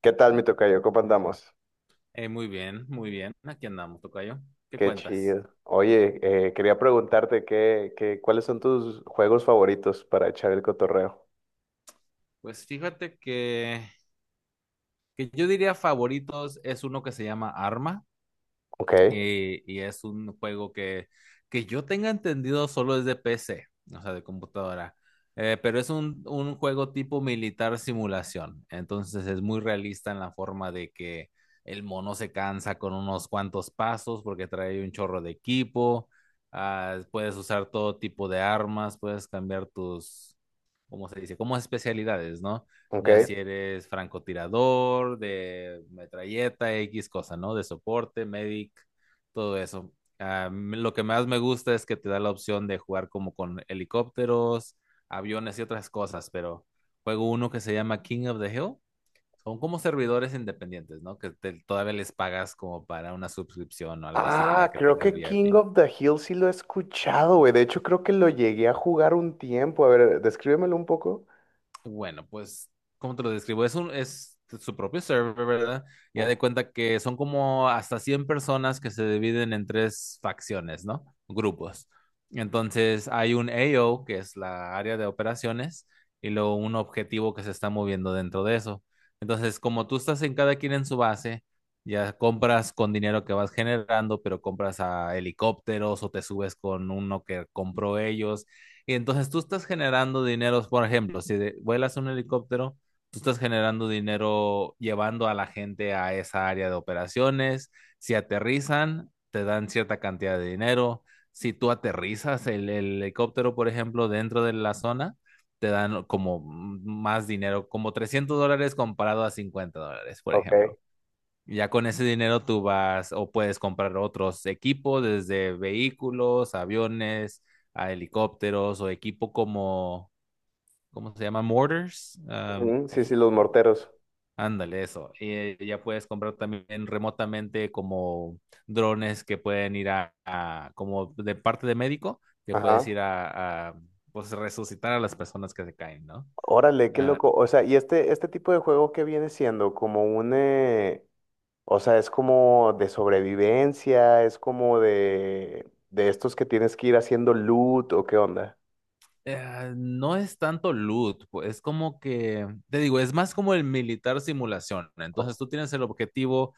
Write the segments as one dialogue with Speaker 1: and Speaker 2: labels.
Speaker 1: ¿Qué tal, mi tocayo? ¿Cómo andamos?
Speaker 2: Muy bien, muy bien. Aquí andamos, tocayo. ¿Qué
Speaker 1: Qué
Speaker 2: cuentas?
Speaker 1: chido. Oye, quería preguntarte cuáles son tus juegos favoritos para echar el cotorreo.
Speaker 2: Pues fíjate que yo diría favoritos es uno que se llama Arma,
Speaker 1: Ok,
Speaker 2: y es un juego que yo tenga entendido solo es de PC, o sea, de computadora. Pero es un juego tipo militar simulación. Entonces es muy realista en la forma de que el mono se cansa con unos cuantos pasos porque trae un chorro de equipo. Ah, puedes usar todo tipo de armas, puedes cambiar tus, cómo se dice, como especialidades, ¿no? Ya si
Speaker 1: ok.
Speaker 2: eres francotirador, de metralleta, X cosa, ¿no? De soporte, medic, todo eso. Ah, lo que más me gusta es que te da la opción de jugar como con helicópteros, aviones y otras cosas, pero juego uno que se llama King of the Hill. Son como servidores independientes, ¿no? Todavía les pagas como para una suscripción o algo así para
Speaker 1: Ah,
Speaker 2: que
Speaker 1: creo
Speaker 2: tengas
Speaker 1: que King
Speaker 2: VIP.
Speaker 1: of the Hill sí lo he escuchado, güey. De hecho, creo que lo llegué a jugar un tiempo. A ver, descríbemelo un poco.
Speaker 2: Bueno, pues, ¿cómo te lo describo? Es su propio server, ¿verdad? Ya
Speaker 1: Ah,
Speaker 2: de cuenta que son como hasta 100 personas que se dividen en tres facciones, ¿no? Grupos. Entonces, hay un AO, que es la área de operaciones, y luego un objetivo que se está moviendo dentro de eso. Entonces, como tú estás en cada quien en su base, ya compras con dinero que vas generando, pero compras a helicópteros o te subes con uno que compró ellos y entonces tú estás generando dinero, por ejemplo, si vuelas un helicóptero, tú estás generando dinero llevando a la gente a esa área de operaciones. Si aterrizan, te dan cierta cantidad de dinero. Si tú aterrizas el helicóptero, por ejemplo, dentro de la zona, te dan como más dinero, como $300 comparado a $50, por
Speaker 1: ok.
Speaker 2: ejemplo. Ya con ese dinero tú vas o puedes comprar otros equipos, desde vehículos, aviones, a helicópteros o equipo como, ¿cómo se llama? Mortars. Ah,
Speaker 1: Ujú,
Speaker 2: pues,
Speaker 1: sí, sí, los morteros.
Speaker 2: ándale, eso. Y ya puedes comprar también remotamente como drones que pueden ir como de parte de médico, que puedes
Speaker 1: Ajá.
Speaker 2: ir a, pues resucitar a las personas que se caen, ¿no?
Speaker 1: Órale, qué
Speaker 2: Ah.
Speaker 1: loco. O sea, y este tipo de juego que viene siendo como un, o sea, es como de sobrevivencia, es como de estos que tienes que ir haciendo loot o qué onda.
Speaker 2: No es tanto loot, pues, es como que, te digo, es más como el militar simulación.
Speaker 1: O-
Speaker 2: Entonces tú tienes el objetivo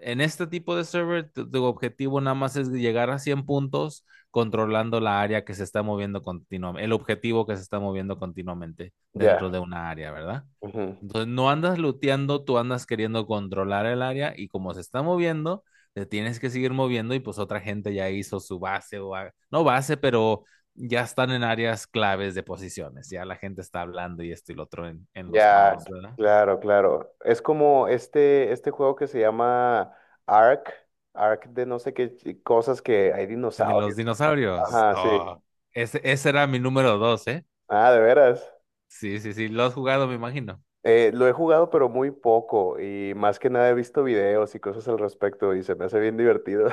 Speaker 2: en este tipo de server, tu objetivo nada más es llegar a 100 puntos controlando la área que se está moviendo continuamente, el objetivo que se está moviendo continuamente
Speaker 1: Ya,
Speaker 2: dentro de una área, ¿verdad?
Speaker 1: ujú,
Speaker 2: Entonces no andas looteando, tú andas queriendo controlar el área y como se está moviendo, te tienes que seguir moviendo y pues otra gente ya hizo su base no base, pero ya están en áreas claves de posiciones, ya la gente está hablando y esto y lo otro en los
Speaker 1: ya,
Speaker 2: comms, ¿verdad?
Speaker 1: claro, claro. Es como este juego que se llama Ark, de no sé qué cosas que hay
Speaker 2: El de los
Speaker 1: dinosaurios.
Speaker 2: dinosaurios.
Speaker 1: Ajá, sí.
Speaker 2: Oh, ese era mi número dos, ¿eh?
Speaker 1: Ah, de veras.
Speaker 2: Sí, sí, sí, lo has jugado, me imagino.
Speaker 1: Lo he jugado, pero muy poco y más que nada he visto videos y cosas al respecto y se me hace bien divertido.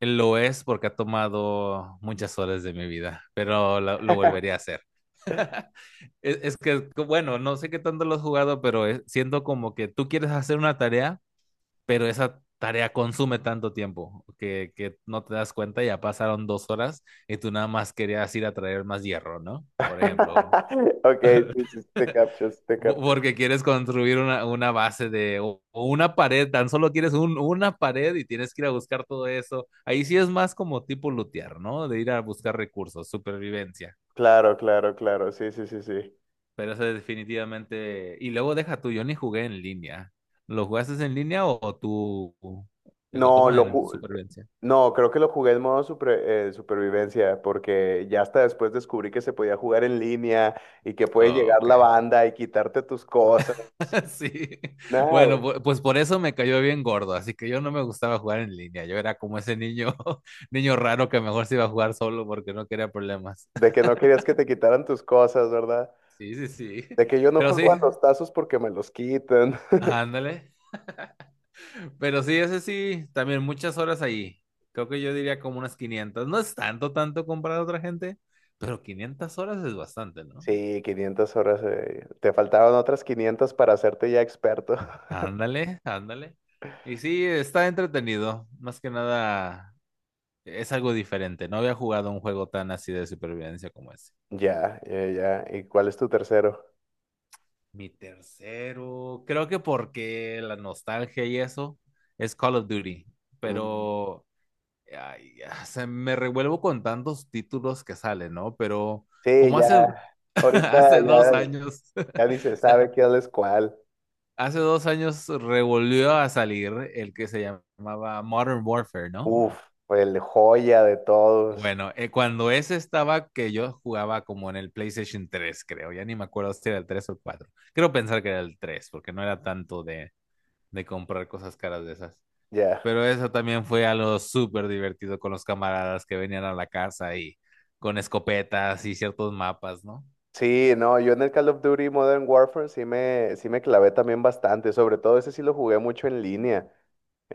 Speaker 2: Lo es porque ha tomado muchas horas de mi vida, pero lo volvería a hacer. Es que, bueno, no sé qué tanto lo has jugado, pero siento como que tú quieres hacer una tarea, pero esa tarea consume tanto tiempo que no te das cuenta, ya pasaron 2 horas y tú nada más querías ir a traer más hierro, ¿no? Por ejemplo,
Speaker 1: Ok, sí, sí, sí, te captures, te captures.
Speaker 2: Porque quieres construir una base de o una pared, tan solo quieres una pared y tienes que ir a buscar todo eso. Ahí sí es más como tipo lootear, ¿no? De ir a buscar recursos, supervivencia.
Speaker 1: Claro, claro, claro, sí, sí, sí, sí.
Speaker 2: Pero eso es definitivamente. Y luego deja tú, yo ni jugué en línea. ¿Lo jugaste en línea o tú?
Speaker 1: No,
Speaker 2: ¿Cómo,
Speaker 1: lo
Speaker 2: en
Speaker 1: bueno,
Speaker 2: supervivencia?
Speaker 1: no, creo que lo jugué en modo supervivencia, porque ya hasta después descubrí que se podía jugar en línea y que puede
Speaker 2: Oh,
Speaker 1: llegar
Speaker 2: ok.
Speaker 1: la banda y quitarte tus cosas. Sí,
Speaker 2: Sí,
Speaker 1: nada,
Speaker 2: bueno,
Speaker 1: güey,
Speaker 2: pues por eso me cayó bien gordo, así que yo no me gustaba jugar en línea, yo era como ese niño, niño raro que mejor se iba a jugar solo porque no quería problemas.
Speaker 1: de que no querías que te quitaran tus cosas, ¿verdad?
Speaker 2: Sí, sí, sí,
Speaker 1: De que yo no
Speaker 2: pero sí,
Speaker 1: juego a los tazos porque me los quitan.
Speaker 2: ándale, pero sí, ese sí, también muchas horas ahí, creo que yo diría como unas 500, no es tanto, tanto comparado a otra gente, pero 500 horas es bastante, ¿no?
Speaker 1: Sí, 500 horas. Te faltaban otras 500 para hacerte ya experto.
Speaker 2: Ándale, ándale, y sí, está entretenido, más que nada. Es algo diferente. No había jugado un juego tan así de supervivencia como ese.
Speaker 1: Ya, ya, ya. ¿Y cuál es tu tercero?
Speaker 2: Mi tercero, creo que porque la nostalgia y eso es Call of Duty,
Speaker 1: Mm.
Speaker 2: pero ay, ya, se me revuelvo con tantos títulos que salen, ¿no? Pero
Speaker 1: Sí,
Speaker 2: como
Speaker 1: ya.
Speaker 2: hace,
Speaker 1: Ahorita
Speaker 2: hace dos
Speaker 1: ya,
Speaker 2: años, o
Speaker 1: ya ni se
Speaker 2: sea,
Speaker 1: sabe quién es cuál.
Speaker 2: hace 2 años revolvió a salir el que se llamaba Modern Warfare, ¿no?
Speaker 1: Uf, el joya de todos.
Speaker 2: Bueno, cuando ese estaba que yo jugaba como en el PlayStation 3, creo, ya ni me acuerdo si era el 3 o el 4. Creo pensar que era el 3, porque no era tanto de comprar cosas caras de esas.
Speaker 1: Ya.
Speaker 2: Pero eso también fue algo súper divertido con los camaradas que venían a la casa y con escopetas y ciertos mapas, ¿no?
Speaker 1: Sí, no, yo en el Call of Duty Modern Warfare sí me clavé también bastante. Sobre todo ese sí lo jugué mucho en línea.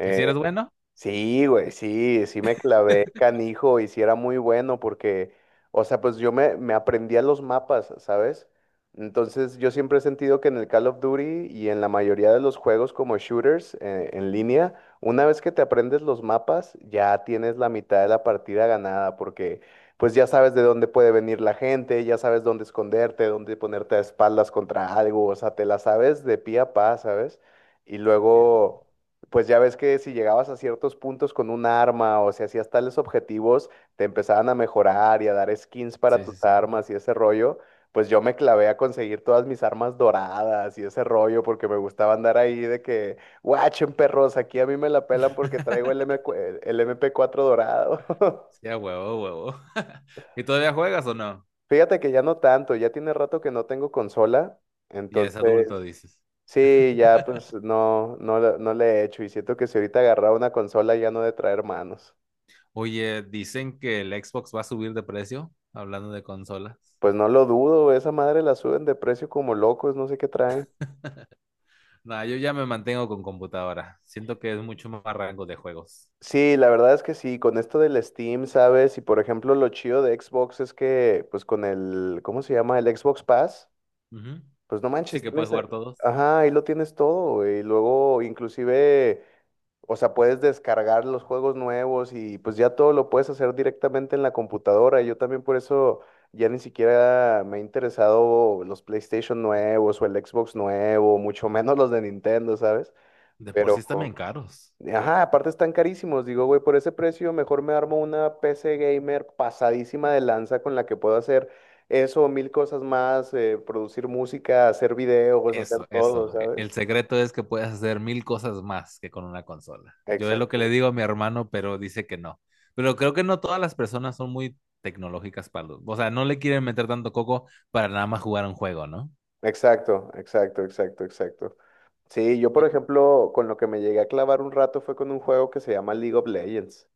Speaker 2: ¿Y si eres bueno?
Speaker 1: Sí, güey, sí, sí me clavé canijo y sí era muy bueno porque, o sea, pues yo me aprendía los mapas, ¿sabes? Entonces yo siempre he sentido que en el Call of Duty y en la mayoría de los juegos como shooters en línea, una vez que te aprendes los mapas, ya tienes la mitad de la partida ganada porque pues ya sabes de dónde puede venir la gente, ya sabes dónde esconderte, dónde ponerte a espaldas contra algo, o sea, te la sabes de pie a pa, ¿sabes? Y
Speaker 2: Entiendo.
Speaker 1: luego... Pues ya ves que si llegabas a ciertos puntos con un arma o si hacías tales objetivos, te empezaban a mejorar y a dar skins para
Speaker 2: Sí,
Speaker 1: tus
Speaker 2: sí, sí.
Speaker 1: armas y ese rollo. Pues yo me clavé a conseguir todas mis armas doradas y ese rollo porque me gustaba andar ahí de que, guachen perros, aquí a mí me la pelan porque traigo el M cu- el MP4 dorado.
Speaker 2: Sí, a huevo, a huevo. ¿Y todavía juegas o no?
Speaker 1: Fíjate que ya no tanto, ya tiene rato que no tengo consola,
Speaker 2: Ya eres adulto,
Speaker 1: entonces
Speaker 2: dices.
Speaker 1: sí, ya pues no, no, no le he hecho y siento que si ahorita agarraba una consola ya no he de traer manos.
Speaker 2: Oye, dicen que el Xbox va a subir de precio, hablando de consolas.
Speaker 1: Pues no lo dudo, esa madre la suben de precio como locos, no sé qué traen.
Speaker 2: Nah, yo ya me mantengo con computadora. Siento que es mucho más rango de juegos.
Speaker 1: Sí, la verdad es que sí, con esto del Steam, ¿sabes? Y por ejemplo, lo chido de Xbox es que, pues con el, ¿cómo se llama? El Xbox Pass.
Speaker 2: Ujú.
Speaker 1: Pues no
Speaker 2: Sí
Speaker 1: manches,
Speaker 2: que puedes
Speaker 1: tienes,
Speaker 2: jugar todos.
Speaker 1: ajá, ahí lo tienes todo, y luego inclusive, o sea, puedes descargar los juegos nuevos y pues ya todo lo puedes hacer directamente en la computadora. Yo también por eso ya ni siquiera me ha interesado los PlayStation nuevos o el Xbox nuevo, mucho menos los de Nintendo, ¿sabes?
Speaker 2: De por sí
Speaker 1: Pero
Speaker 2: están bien caros.
Speaker 1: ajá, aparte están carísimos. Digo, güey, por ese precio mejor me armo una PC gamer pasadísima de lanza con la que puedo hacer eso, mil cosas más, producir música, hacer videos, hacer
Speaker 2: Eso,
Speaker 1: todo,
Speaker 2: eso. El
Speaker 1: ¿sabes?
Speaker 2: secreto es que puedes hacer mil cosas más que con una consola. Yo es lo que le
Speaker 1: Exacto,
Speaker 2: digo a mi hermano, pero dice que no. Pero creo que no todas las personas son muy tecnológicas para o sea, no le quieren meter tanto coco para nada más jugar un juego, ¿no?
Speaker 1: exacto, exacto, exacto, exacto. Sí, yo por
Speaker 2: Y-
Speaker 1: ejemplo, con lo que me llegué a clavar un rato fue con un juego que se llama League of Legends.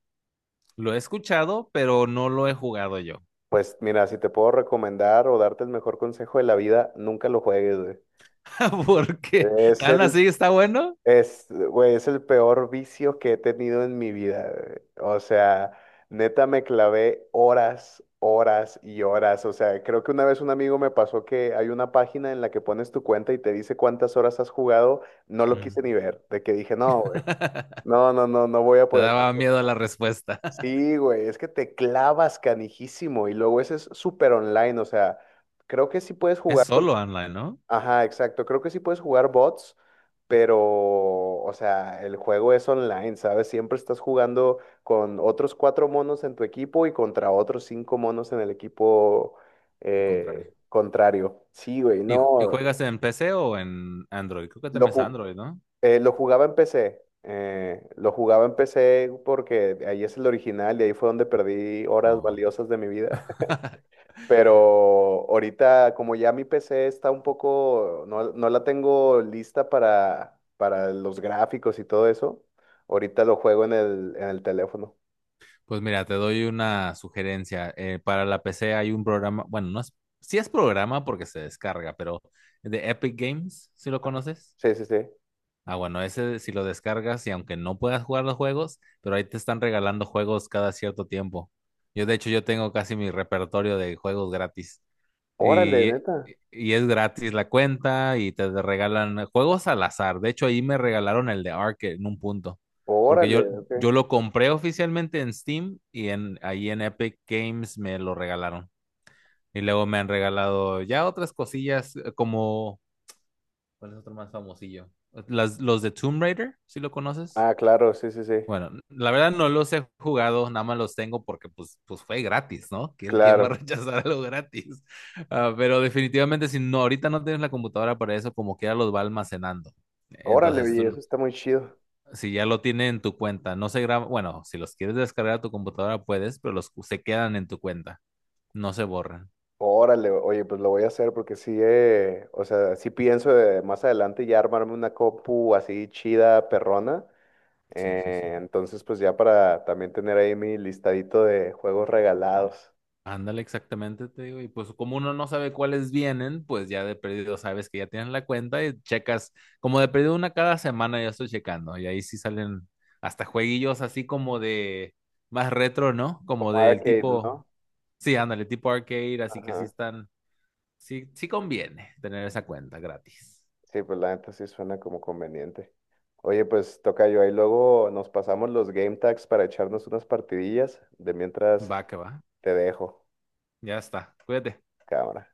Speaker 2: Lo he escuchado, pero no lo he jugado yo.
Speaker 1: Pues mira, si te puedo recomendar o darte el mejor consejo de la vida, nunca lo juegues, güey.
Speaker 2: Porque
Speaker 1: Es
Speaker 2: tan
Speaker 1: el
Speaker 2: así está bueno.
Speaker 1: Es, güey, es el peor vicio que he tenido en mi vida, güey. O sea, neta me clavé horas, horas y horas. O sea, creo que una vez un amigo me pasó que hay una página en la que pones tu cuenta y te dice cuántas horas has jugado. No lo
Speaker 2: Mm.
Speaker 1: quise ni ver, de que dije, no, güey, no, no, no, no voy a
Speaker 2: Te
Speaker 1: poder.
Speaker 2: daba miedo la respuesta.
Speaker 1: Sí, güey, es que te clavas canijísimo y luego ese es súper online. O sea, creo que sí puedes
Speaker 2: Es
Speaker 1: jugar.
Speaker 2: solo online, ¿no?
Speaker 1: Ajá, exacto. Creo que sí puedes jugar bots, pero, o sea, el juego es online, ¿sabes? Siempre estás jugando con otros cuatro monos en tu equipo y contra otros cinco monos en el equipo
Speaker 2: Al contrario.
Speaker 1: contrario. Sí, güey,
Speaker 2: ¿Y, y
Speaker 1: no.
Speaker 2: juegas en PC o en Android? Creo que
Speaker 1: Lo,
Speaker 2: también es
Speaker 1: ju-
Speaker 2: Android, ¿no?
Speaker 1: lo jugaba en PC. Lo jugaba en PC porque ahí es el original y ahí fue donde perdí horas
Speaker 2: Oh.
Speaker 1: valiosas de mi vida. Pero ahorita, como ya mi PC está un poco, no, no la tengo lista para los gráficos y todo eso, ahorita lo juego en el teléfono.
Speaker 2: Pues mira, te doy una sugerencia. Para la PC hay un programa, bueno, no es, sí es programa porque se descarga, pero de Epic Games, ¿sí lo conoces?
Speaker 1: Sí, sí, sí.
Speaker 2: Ah, bueno, ese si lo descargas y aunque no puedas jugar los juegos, pero ahí te están regalando juegos cada cierto tiempo. Yo, de hecho, yo tengo casi mi repertorio de juegos gratis.
Speaker 1: Órale,
Speaker 2: Y,
Speaker 1: neta.
Speaker 2: eh, y es gratis la cuenta y te regalan juegos al azar. De hecho, ahí me regalaron el de Ark en un punto. Porque
Speaker 1: Órale,
Speaker 2: yo,
Speaker 1: ok.
Speaker 2: yo lo compré oficialmente en Steam y ahí en Epic Games me lo regalaron. Y luego me han regalado ya otras cosillas, como, ¿cuál es otro más famosillo? Los de Tomb Raider, si lo conoces.
Speaker 1: Ah, claro, sí, sí, sí. Sí.
Speaker 2: Bueno, la verdad no los he jugado, nada más los tengo porque pues fue gratis, ¿no? ¿Quién va a
Speaker 1: Claro.
Speaker 2: rechazar algo gratis? Ah, pero definitivamente si no, ahorita no tienes la computadora para eso, como que ya los va almacenando.
Speaker 1: Órale,
Speaker 2: Entonces,
Speaker 1: oye,
Speaker 2: tú,
Speaker 1: eso
Speaker 2: no-
Speaker 1: está muy chido.
Speaker 2: si ya lo tiene en tu cuenta, no se graba, bueno, si los quieres descargar a tu computadora puedes, pero los se quedan en tu cuenta, no se borran.
Speaker 1: Órale, oye, pues lo voy a hacer porque sí, o sea, sí pienso de más adelante ya armarme una compu así chida, perrona.
Speaker 2: Sí, sí, sí.
Speaker 1: Entonces, pues ya para también tener ahí mi listadito de juegos regalados,
Speaker 2: Ándale, exactamente, te digo. Y pues como uno no sabe cuáles vienen, pues ya de perdido sabes que ya tienen la cuenta y checas, como de perdido una cada semana ya estoy checando. Y ahí sí salen hasta jueguillos así como de más retro, ¿no? Como
Speaker 1: como
Speaker 2: del
Speaker 1: arcade,
Speaker 2: tipo,
Speaker 1: ¿no?
Speaker 2: sí, ándale, tipo arcade, así que sí
Speaker 1: Ajá.
Speaker 2: están, sí, sí conviene tener esa cuenta gratis.
Speaker 1: Sí, pues la neta sí suena como conveniente. Oye, pues toca yo ahí luego nos pasamos los game tags para echarnos unas partidillas. De mientras
Speaker 2: Va que va,
Speaker 1: te dejo,
Speaker 2: ya está, cuídate.
Speaker 1: cámara.